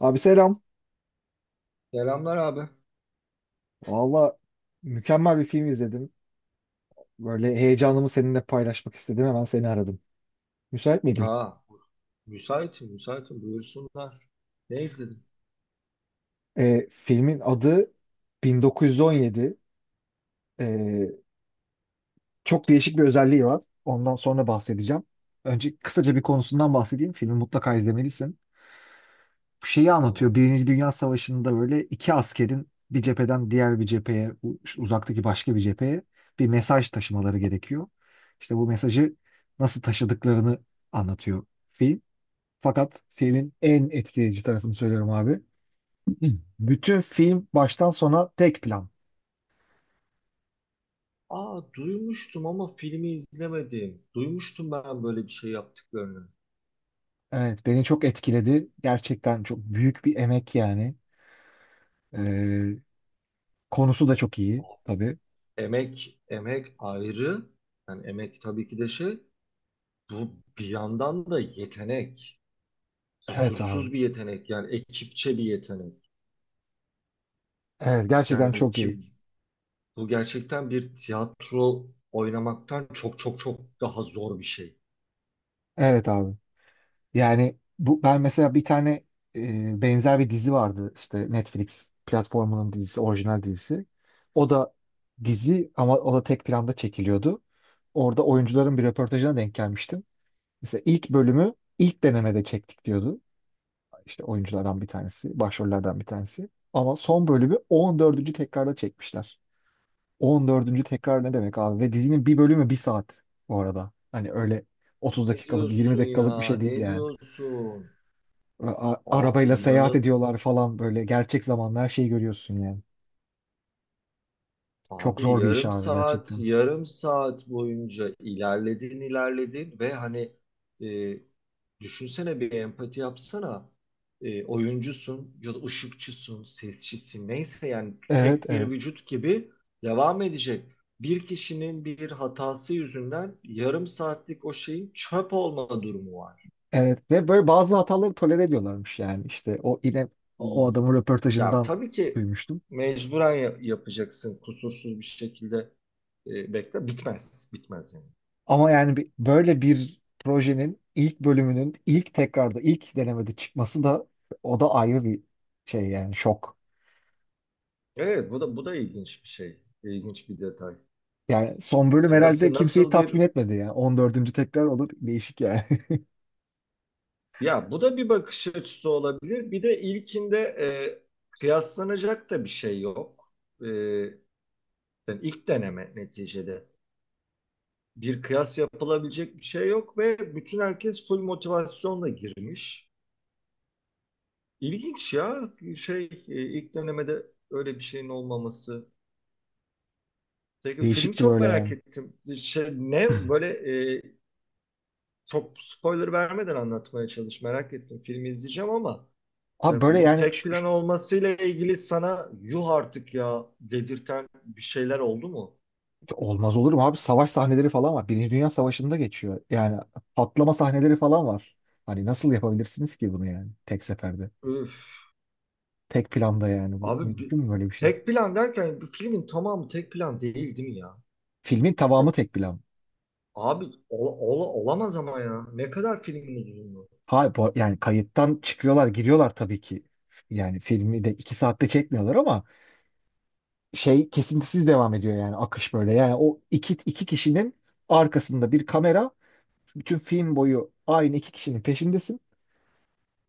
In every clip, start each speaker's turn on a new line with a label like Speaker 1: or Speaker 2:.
Speaker 1: Abi selam.
Speaker 2: Selamlar abi.
Speaker 1: Valla mükemmel bir film izledim. Böyle heyecanımı seninle paylaşmak istedim. Hemen seni aradım. Müsait miydin?
Speaker 2: Ha, müsaitim, müsaitim. Buyursunlar. Ne izledin?
Speaker 1: Filmin adı 1917. Ee, Çok değişik bir özelliği var. Ondan sonra bahsedeceğim. Önce kısaca bir konusundan bahsedeyim. Filmi mutlaka izlemelisin. Bu şeyi anlatıyor.
Speaker 2: Tamam.
Speaker 1: Birinci Dünya Savaşı'nda böyle iki askerin bir cepheden diğer bir cepheye, uzaktaki başka bir cepheye bir mesaj taşımaları gerekiyor. İşte bu mesajı nasıl taşıdıklarını anlatıyor film. Fakat filmin en etkileyici tarafını söylüyorum abi. Bütün film baştan sona tek plan.
Speaker 2: Aa, duymuştum ama filmi izlemedim. Duymuştum ben böyle bir şey yaptıklarını.
Speaker 1: Evet, beni çok etkiledi. Gerçekten çok büyük bir emek yani. Ee, Konusu da çok iyi
Speaker 2: Oh,
Speaker 1: tabii.
Speaker 2: emek, emek ayrı. Yani emek tabii ki de şey. Bu bir yandan da yetenek.
Speaker 1: Evet abi.
Speaker 2: Kusursuz bir yetenek. Yani ekipçe bir yetenek.
Speaker 1: Evet, gerçekten
Speaker 2: Yani
Speaker 1: çok iyi.
Speaker 2: ki bu gerçekten bir tiyatro oynamaktan çok çok çok daha zor bir şey.
Speaker 1: Evet abi. Yani bu ben mesela bir tane benzer bir dizi vardı işte Netflix platformunun dizisi, orijinal dizisi. O da dizi ama o da tek planda çekiliyordu. Orada oyuncuların bir röportajına denk gelmiştim. Mesela ilk bölümü ilk denemede çektik diyordu. İşte oyunculardan bir tanesi, başrollerden bir tanesi. Ama son bölümü 14. tekrarda çekmişler. 14. tekrar ne demek abi? Ve dizinin bir bölümü bir saat bu arada. Hani öyle 30
Speaker 2: Ne
Speaker 1: dakikalık, 20
Speaker 2: diyorsun
Speaker 1: dakikalık bir
Speaker 2: ya?
Speaker 1: şey değil
Speaker 2: Ne
Speaker 1: yani.
Speaker 2: diyorsun? O
Speaker 1: Arabayla seyahat
Speaker 2: inanı
Speaker 1: ediyorlar falan böyle. Gerçek zamanlı her şeyi görüyorsun yani. Çok
Speaker 2: abi
Speaker 1: zor bir iş
Speaker 2: yarım
Speaker 1: abi
Speaker 2: saat
Speaker 1: gerçekten.
Speaker 2: yarım saat boyunca ilerledin ilerledin ve hani e, düşünsene, bir empati yapsana. Oyuncusun ya da ışıkçısın, sesçisin, neyse, yani
Speaker 1: Evet,
Speaker 2: tek bir
Speaker 1: evet.
Speaker 2: vücut gibi devam edecek. Bir kişinin bir hatası yüzünden yarım saatlik o şeyin çöp olma durumu var.
Speaker 1: Evet ve böyle bazı hataları tolere ediyorlarmış yani işte o yine o adamın
Speaker 2: Ya
Speaker 1: röportajından
Speaker 2: tabii ki
Speaker 1: duymuştum.
Speaker 2: mecburen yapacaksın kusursuz bir şekilde, bekle, bitmez bitmez yani.
Speaker 1: Ama yani böyle bir projenin ilk bölümünün ilk tekrarda ilk denemede çıkması da o da ayrı bir şey yani şok.
Speaker 2: Evet, bu da ilginç bir şey. İlginç bir detay.
Speaker 1: Yani son bölüm
Speaker 2: Yani
Speaker 1: herhalde
Speaker 2: nasıl
Speaker 1: kimseyi
Speaker 2: nasıl bir,
Speaker 1: tatmin etmedi yani. 14. tekrar olur değişik yani.
Speaker 2: ya bu da bir bakış açısı olabilir. Bir de ilkinde kıyaslanacak da bir şey yok. E, yani ilk deneme neticede. Bir kıyas yapılabilecek bir şey yok ve bütün herkes full motivasyonla girmiş. İlginç ya. Şey e, ilk dönemede öyle bir şeyin olmaması. Peki, filmi
Speaker 1: Değişiktir
Speaker 2: çok
Speaker 1: öyle
Speaker 2: merak
Speaker 1: yani.
Speaker 2: ettim. E, çok spoiler vermeden anlatmaya çalış. Merak ettim. Filmi izleyeceğim, ama
Speaker 1: Abi böyle
Speaker 2: bu
Speaker 1: yani
Speaker 2: tek
Speaker 1: ş-
Speaker 2: plan olmasıyla ilgili sana yuh artık ya dedirten bir şeyler oldu mu?
Speaker 1: Olmaz olur mu abi? Savaş sahneleri falan var. Birinci Dünya Savaşı'nda geçiyor. Yani patlama sahneleri falan var. Hani nasıl yapabilirsiniz ki bunu yani tek seferde?
Speaker 2: Öf.
Speaker 1: Tek planda yani bu
Speaker 2: Abi bir-
Speaker 1: mümkün mü böyle bir şey?
Speaker 2: tek plan derken bir filmin tamamı tek plan değil, değil mi ya?
Speaker 1: Filmin
Speaker 2: E,
Speaker 1: tamamı tek plan.
Speaker 2: olamaz ama ya. Ne kadar filmin uzunluğu?
Speaker 1: Hayır yani kayıttan çıkıyorlar giriyorlar tabii ki. Yani filmi de 2 saatte çekmiyorlar ama şey kesintisiz devam ediyor yani akış böyle. Yani o iki kişinin arkasında bir kamera bütün film boyu aynı iki kişinin peşindesin.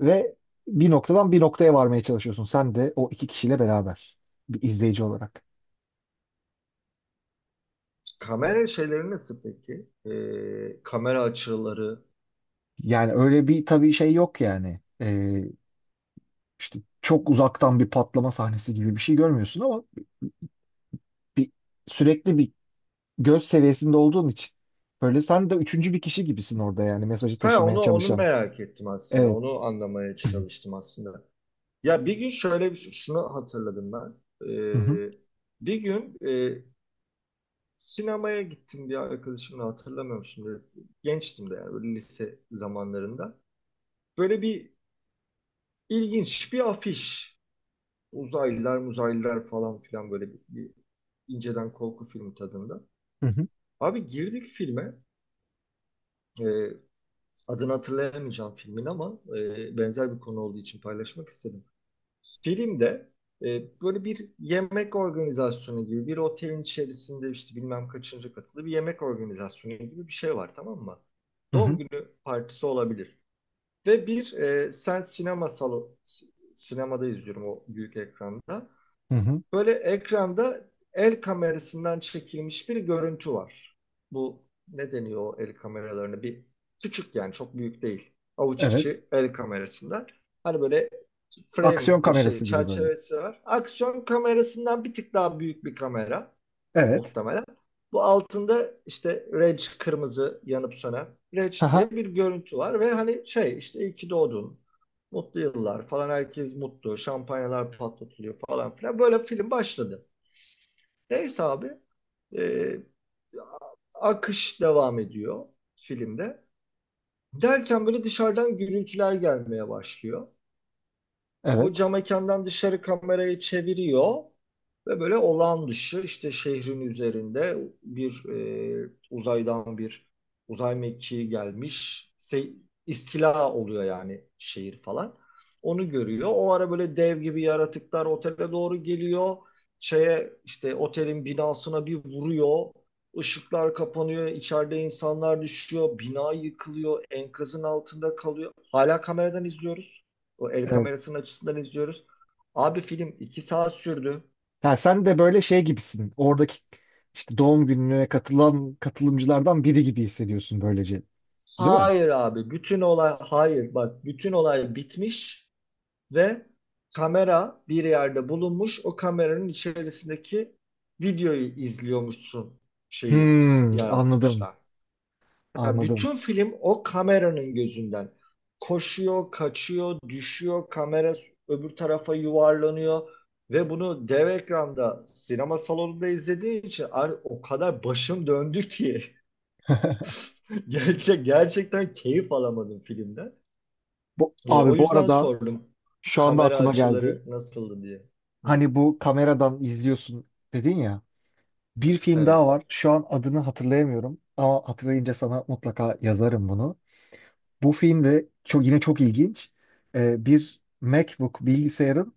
Speaker 1: Ve bir noktadan bir noktaya varmaya çalışıyorsun. Sen de o iki kişiyle beraber bir izleyici olarak.
Speaker 2: Kamera şeyleri nasıl peki? Kamera açıları.
Speaker 1: Yani öyle bir tabii şey yok yani. İşte çok uzaktan bir patlama sahnesi gibi bir şey görmüyorsun ama bir sürekli bir göz seviyesinde olduğun için böyle sen de üçüncü bir kişi gibisin orada yani mesajı
Speaker 2: Ha,
Speaker 1: taşımaya
Speaker 2: onu
Speaker 1: çalışan.
Speaker 2: merak ettim aslında.
Speaker 1: Evet.
Speaker 2: Onu anlamaya çalıştım aslında. Ya, bir gün şöyle bir şey, şunu hatırladım ben.
Speaker 1: Hı hı.
Speaker 2: Ee, bir gün sinemaya gittim bir arkadaşımla, hatırlamıyorum şimdi. Gençtim de yani, böyle lise zamanlarında. Böyle bir ilginç bir afiş. Uzaylılar, muzaylılar falan filan, böyle bir inceden korku filmi tadında.
Speaker 1: Hı hı.
Speaker 2: Abi, girdik filme. Ee, adını hatırlayamayacağım filmin, ama benzer bir konu olduğu için paylaşmak istedim. Filmde böyle bir yemek organizasyonu gibi, bir otelin içerisinde işte bilmem kaçıncı katılı bir yemek organizasyonu gibi bir şey var, tamam mı?
Speaker 1: Hı
Speaker 2: Doğum
Speaker 1: hı.
Speaker 2: günü partisi olabilir. Ve bir sen sinema salonu sinemada izliyorum, o büyük ekranda.
Speaker 1: Hı hı.
Speaker 2: Böyle, ekranda el kamerasından çekilmiş bir görüntü var. Bu ne deniyor o el kameralarını? Bir küçük, yani çok büyük değil. Avuç
Speaker 1: Evet.
Speaker 2: içi el kamerasından. Hani böyle
Speaker 1: Aksiyon
Speaker 2: frame, şey,
Speaker 1: kamerası gibi böyle.
Speaker 2: çerçevesi var. Aksiyon kamerasından bir tık daha büyük bir kamera,
Speaker 1: Evet.
Speaker 2: muhtemelen. Bu altında işte Reg, kırmızı yanıp sönen Reg
Speaker 1: Haha.
Speaker 2: diye bir görüntü var ve hani şey işte, iyi ki doğdun. Mutlu yıllar falan, herkes mutlu. Şampanyalar patlatılıyor falan filan. Böyle film başladı. Neyse abi, e, akış devam ediyor filmde. Derken böyle dışarıdan gürültüler gelmeye başlıyor. Bu,
Speaker 1: Evet.
Speaker 2: cam mekandan dışarı kamerayı çeviriyor ve böyle olağan dışı, işte şehrin üzerinde bir, uzaydan bir uzay mekiği gelmiş. İstila oluyor yani, şehir falan. Onu görüyor. O ara böyle dev gibi yaratıklar otele doğru geliyor. Şeye, işte otelin binasına bir vuruyor. Işıklar kapanıyor, içeride insanlar düşüyor, bina yıkılıyor, enkazın altında kalıyor. Hala kameradan izliyoruz. O el kamerasının açısından izliyoruz. Abi, film iki saat sürdü.
Speaker 1: Ya sen de böyle şey gibisin. Oradaki işte doğum gününe katılan katılımcılardan biri gibi hissediyorsun böylece. Değil mi?
Speaker 2: Hayır abi, bütün olay, hayır bak, bütün olay bitmiş ve kamera bir yerde bulunmuş. O kameranın içerisindeki videoyu izliyormuşsun, şeyi
Speaker 1: Hmm, anladım.
Speaker 2: yaratmışlar. Ya,
Speaker 1: Anladım.
Speaker 2: bütün film o kameranın gözünden. Koşuyor, kaçıyor, düşüyor, kamera öbür tarafa yuvarlanıyor ve bunu dev ekranda, sinema salonunda izlediğin için, o kadar başım döndü ki gerçekten keyif alamadım filmden.
Speaker 1: Bu,
Speaker 2: O
Speaker 1: abi bu
Speaker 2: yüzden
Speaker 1: arada
Speaker 2: sordum,
Speaker 1: şu anda
Speaker 2: kamera
Speaker 1: aklıma geldi.
Speaker 2: açıları nasıldı diye. Hı,
Speaker 1: Hani bu kameradan izliyorsun dedin ya. Bir film daha
Speaker 2: evet.
Speaker 1: var. Şu an adını hatırlayamıyorum. Ama hatırlayınca sana mutlaka yazarım bunu. Bu film de çok, yine çok ilginç. Bir MacBook bilgisayarın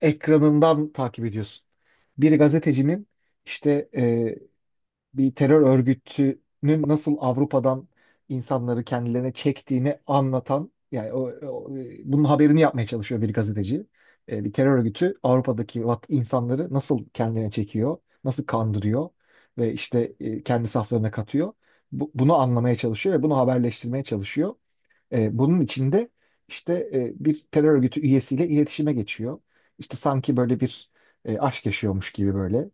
Speaker 1: ekranından takip ediyorsun. Bir gazetecinin işte bir terör örgütünün nasıl Avrupa'dan insanları kendilerine çektiğini anlatan yani bunun haberini yapmaya çalışıyor bir gazeteci. Bir terör örgütü Avrupa'daki insanları nasıl kendine çekiyor, nasıl kandırıyor ve işte kendi saflarına katıyor. Bunu anlamaya çalışıyor ve bunu haberleştirmeye çalışıyor. Bunun içinde işte bir terör örgütü üyesiyle iletişime geçiyor. İşte sanki böyle bir aşk yaşıyormuş gibi böyle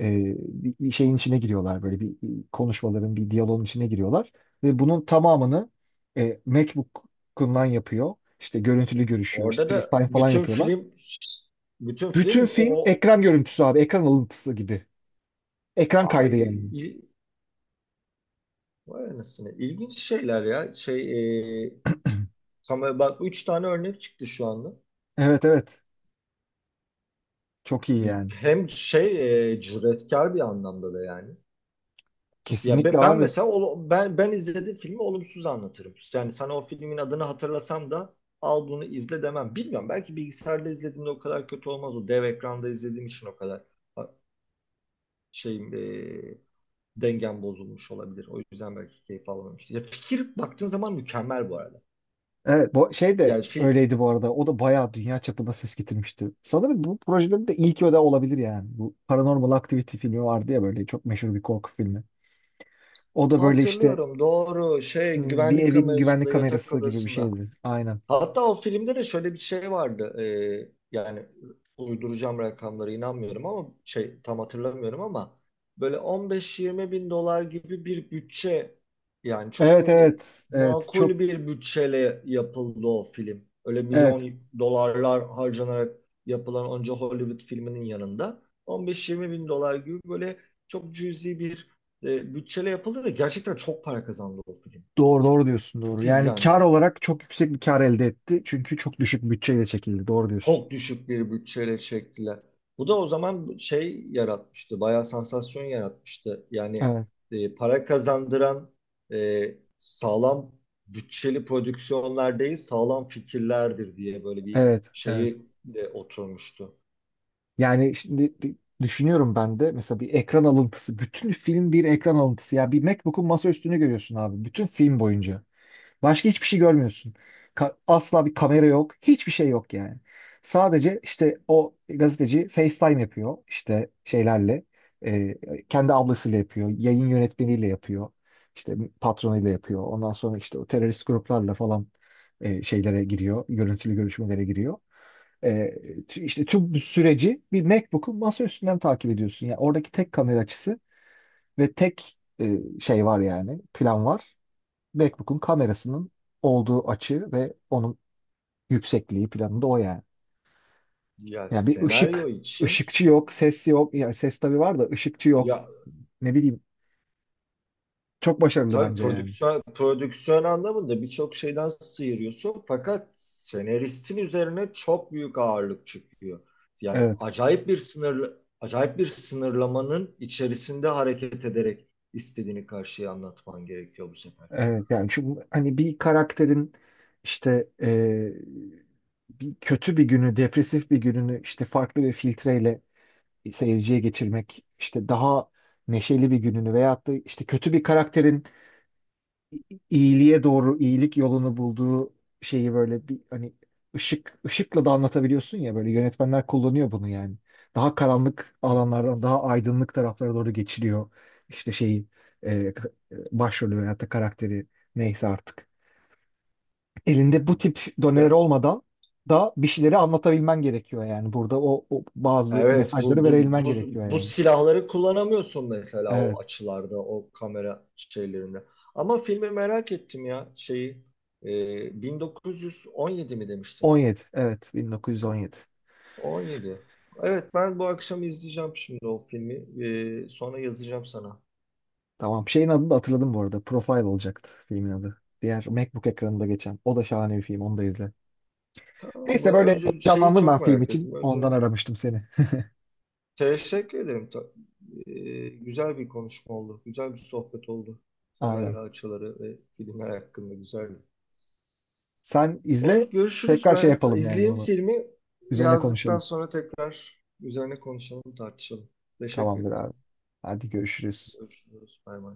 Speaker 1: bir şeyin içine giriyorlar böyle bir konuşmaların bir diyaloğun içine giriyorlar ve bunun tamamını MacBook'undan yapıyor. İşte görüntülü görüşüyor,
Speaker 2: Orada
Speaker 1: işte
Speaker 2: da
Speaker 1: FaceTime falan yapıyorlar.
Speaker 2: bütün
Speaker 1: Bütün
Speaker 2: film
Speaker 1: film
Speaker 2: o,
Speaker 1: ekran görüntüsü abi, ekran alıntısı gibi. Ekran kaydı
Speaker 2: ay,
Speaker 1: yani.
Speaker 2: vay anasını. İlginç şeyler ya. Kamera, bak, üç tane örnek çıktı şu anda.
Speaker 1: Evet, evet. Çok iyi yani.
Speaker 2: Hem cüretkar bir anlamda da yani.
Speaker 1: Kesinlikle
Speaker 2: Ben
Speaker 1: abi.
Speaker 2: mesela ben izlediğim filmi olumsuz anlatırım. Yani sana o filmin adını hatırlasam da "al bunu izle" demem. Bilmiyorum, belki bilgisayarda izlediğimde o kadar kötü olmaz. O dev ekranda izlediğim için o kadar, ha, şeyim, dengem bozulmuş olabilir. O yüzden belki keyif alamamıştım. Ya, fikir baktığın zaman mükemmel bu arada.
Speaker 1: Evet, bu şey
Speaker 2: Yani
Speaker 1: de
Speaker 2: fi-
Speaker 1: öyleydi bu arada. O da bayağı dünya çapında ses getirmişti. Sanırım bu projelerin de ilk öde olabilir yani. Bu Paranormal Activity filmi vardı ya böyle çok meşhur bir korku filmi. O da böyle işte
Speaker 2: Hatırlıyorum, doğru, şey,
Speaker 1: hmm, bir
Speaker 2: güvenlik
Speaker 1: evin güvenlik
Speaker 2: kamerasında, yatak
Speaker 1: kamerası gibi bir
Speaker 2: odasında.
Speaker 1: şeydi. Aynen.
Speaker 2: Hatta o filmde de şöyle bir şey vardı. Yani uyduracağım rakamlara inanmıyorum, ama şey, tam hatırlamıyorum, ama böyle 15-20 bin dolar gibi bir bütçe, yani çok
Speaker 1: Evet,
Speaker 2: böyle
Speaker 1: evet, evet, çok
Speaker 2: makul bir bütçeyle yapıldı o film. Öyle
Speaker 1: evet,
Speaker 2: milyon dolarlar harcanarak yapılan onca Hollywood filminin yanında, 15-20 bin dolar gibi böyle çok cüzi bir bütçeyle yapıldı ve gerçekten çok para kazandı o film.
Speaker 1: doğru, doğru diyorsun, doğru.
Speaker 2: Çok
Speaker 1: Yani kar
Speaker 2: izlendi.
Speaker 1: olarak çok yüksek bir kar elde etti. Çünkü çok düşük bütçeyle çekildi. Doğru diyorsun.
Speaker 2: Çok düşük bir bütçeyle çektiler. Bu da o zaman şey yaratmıştı, bayağı sansasyon yaratmıştı. Yani
Speaker 1: Evet,
Speaker 2: para kazandıran sağlam bütçeli prodüksiyonlar değil, sağlam fikirlerdir diye böyle bir
Speaker 1: evet, evet.
Speaker 2: şeyi de oturmuştu.
Speaker 1: Yani şimdi düşünüyorum ben de mesela bir ekran alıntısı. Bütün film bir ekran alıntısı. Ya bir MacBook'un masaüstünü görüyorsun abi. Bütün film boyunca. Başka hiçbir şey görmüyorsun. Asla bir kamera yok. Hiçbir şey yok yani. Sadece işte o gazeteci FaceTime yapıyor. İşte şeylerle. e, Kendi ablasıyla yapıyor. Yayın yönetmeniyle yapıyor. İşte patronuyla yapıyor. Ondan sonra işte o terörist gruplarla falan şeylere giriyor. Görüntülü görüşmelere giriyor. E, işte tüm bu süreci bir MacBook'un masa üstünden takip ediyorsun. Yani oradaki tek kamera açısı ve tek şey var yani plan var. MacBook'un kamerasının olduğu açı ve onun yüksekliği planında o yani.
Speaker 2: Ya,
Speaker 1: Yani bir
Speaker 2: senaryo
Speaker 1: ışık,
Speaker 2: için
Speaker 1: ışıkçı yok, ses yok. Yani ses tabii var da ışıkçı yok.
Speaker 2: ya,
Speaker 1: Ne bileyim. Çok başarılı
Speaker 2: tabii
Speaker 1: bence yani.
Speaker 2: prodüksiyon, prodüksiyon anlamında birçok şeyden sıyırıyorsun, fakat senaristin üzerine çok büyük ağırlık çıkıyor. Yani
Speaker 1: Evet,
Speaker 2: acayip bir sınır, acayip bir sınırlamanın içerisinde hareket ederek istediğini karşıya anlatman gerekiyor bu sefer.
Speaker 1: evet. Yani çünkü hani bir karakterin işte bir kötü bir günü, depresif bir gününü işte farklı bir filtreyle seyirciye geçirmek, işte daha neşeli bir gününü veyahut da işte kötü bir karakterin iyiliğe doğru, iyilik yolunu bulduğu şeyi böyle bir hani ışıkla da anlatabiliyorsun ya böyle yönetmenler kullanıyor bunu yani. Daha karanlık
Speaker 2: Hı hı,
Speaker 1: alanlardan daha aydınlık taraflara doğru geçiliyor işte şeyi başrolü veyahut da karakteri neyse artık.
Speaker 2: hı
Speaker 1: Elinde
Speaker 2: hı.
Speaker 1: bu tip doneler
Speaker 2: Ya,
Speaker 1: olmadan da bir şeyleri anlatabilmen gerekiyor yani. Burada o bazı
Speaker 2: evet,
Speaker 1: mesajları
Speaker 2: bu, bu,
Speaker 1: verebilmen
Speaker 2: bu,
Speaker 1: gerekiyor
Speaker 2: bu
Speaker 1: yani.
Speaker 2: silahları kullanamıyorsun mesela o
Speaker 1: Evet.
Speaker 2: açılarda, o kamera şeylerinde. Ama filmi merak ettim ya, şeyi. 1917 mi demiştin?
Speaker 1: 17. Evet, 1917.
Speaker 2: 17. Evet, ben bu akşam izleyeceğim şimdi o filmi. Sonra yazacağım sana.
Speaker 1: Tamam. Şeyin adını da hatırladım bu arada. Profile olacaktı filmin adı. Diğer MacBook ekranında geçen. O da şahane bir film. Onu da izle.
Speaker 2: Tamam
Speaker 1: Neyse
Speaker 2: mı?
Speaker 1: böyle
Speaker 2: Önce şeyi
Speaker 1: canlandım ben
Speaker 2: çok
Speaker 1: film
Speaker 2: merak
Speaker 1: için.
Speaker 2: ettim.
Speaker 1: Ondan
Speaker 2: Önce
Speaker 1: aramıştım seni.
Speaker 2: teşekkür ederim. Güzel bir konuşma oldu. Güzel bir sohbet oldu.
Speaker 1: Aynen.
Speaker 2: Kamera açıları ve filmler hakkında güzeldi.
Speaker 1: Sen izle.
Speaker 2: Olur, görüşürüz.
Speaker 1: Tekrar şey
Speaker 2: Ben
Speaker 1: yapalım yani
Speaker 2: izleyeyim
Speaker 1: bunu.
Speaker 2: filmi.
Speaker 1: Üzerine
Speaker 2: Yazdıktan
Speaker 1: konuşalım.
Speaker 2: sonra tekrar üzerine konuşalım, tartışalım. Teşekkür
Speaker 1: Tamamdır abi.
Speaker 2: ettim.
Speaker 1: Hadi görüşürüz.
Speaker 2: Görüşürüz. Bay bay.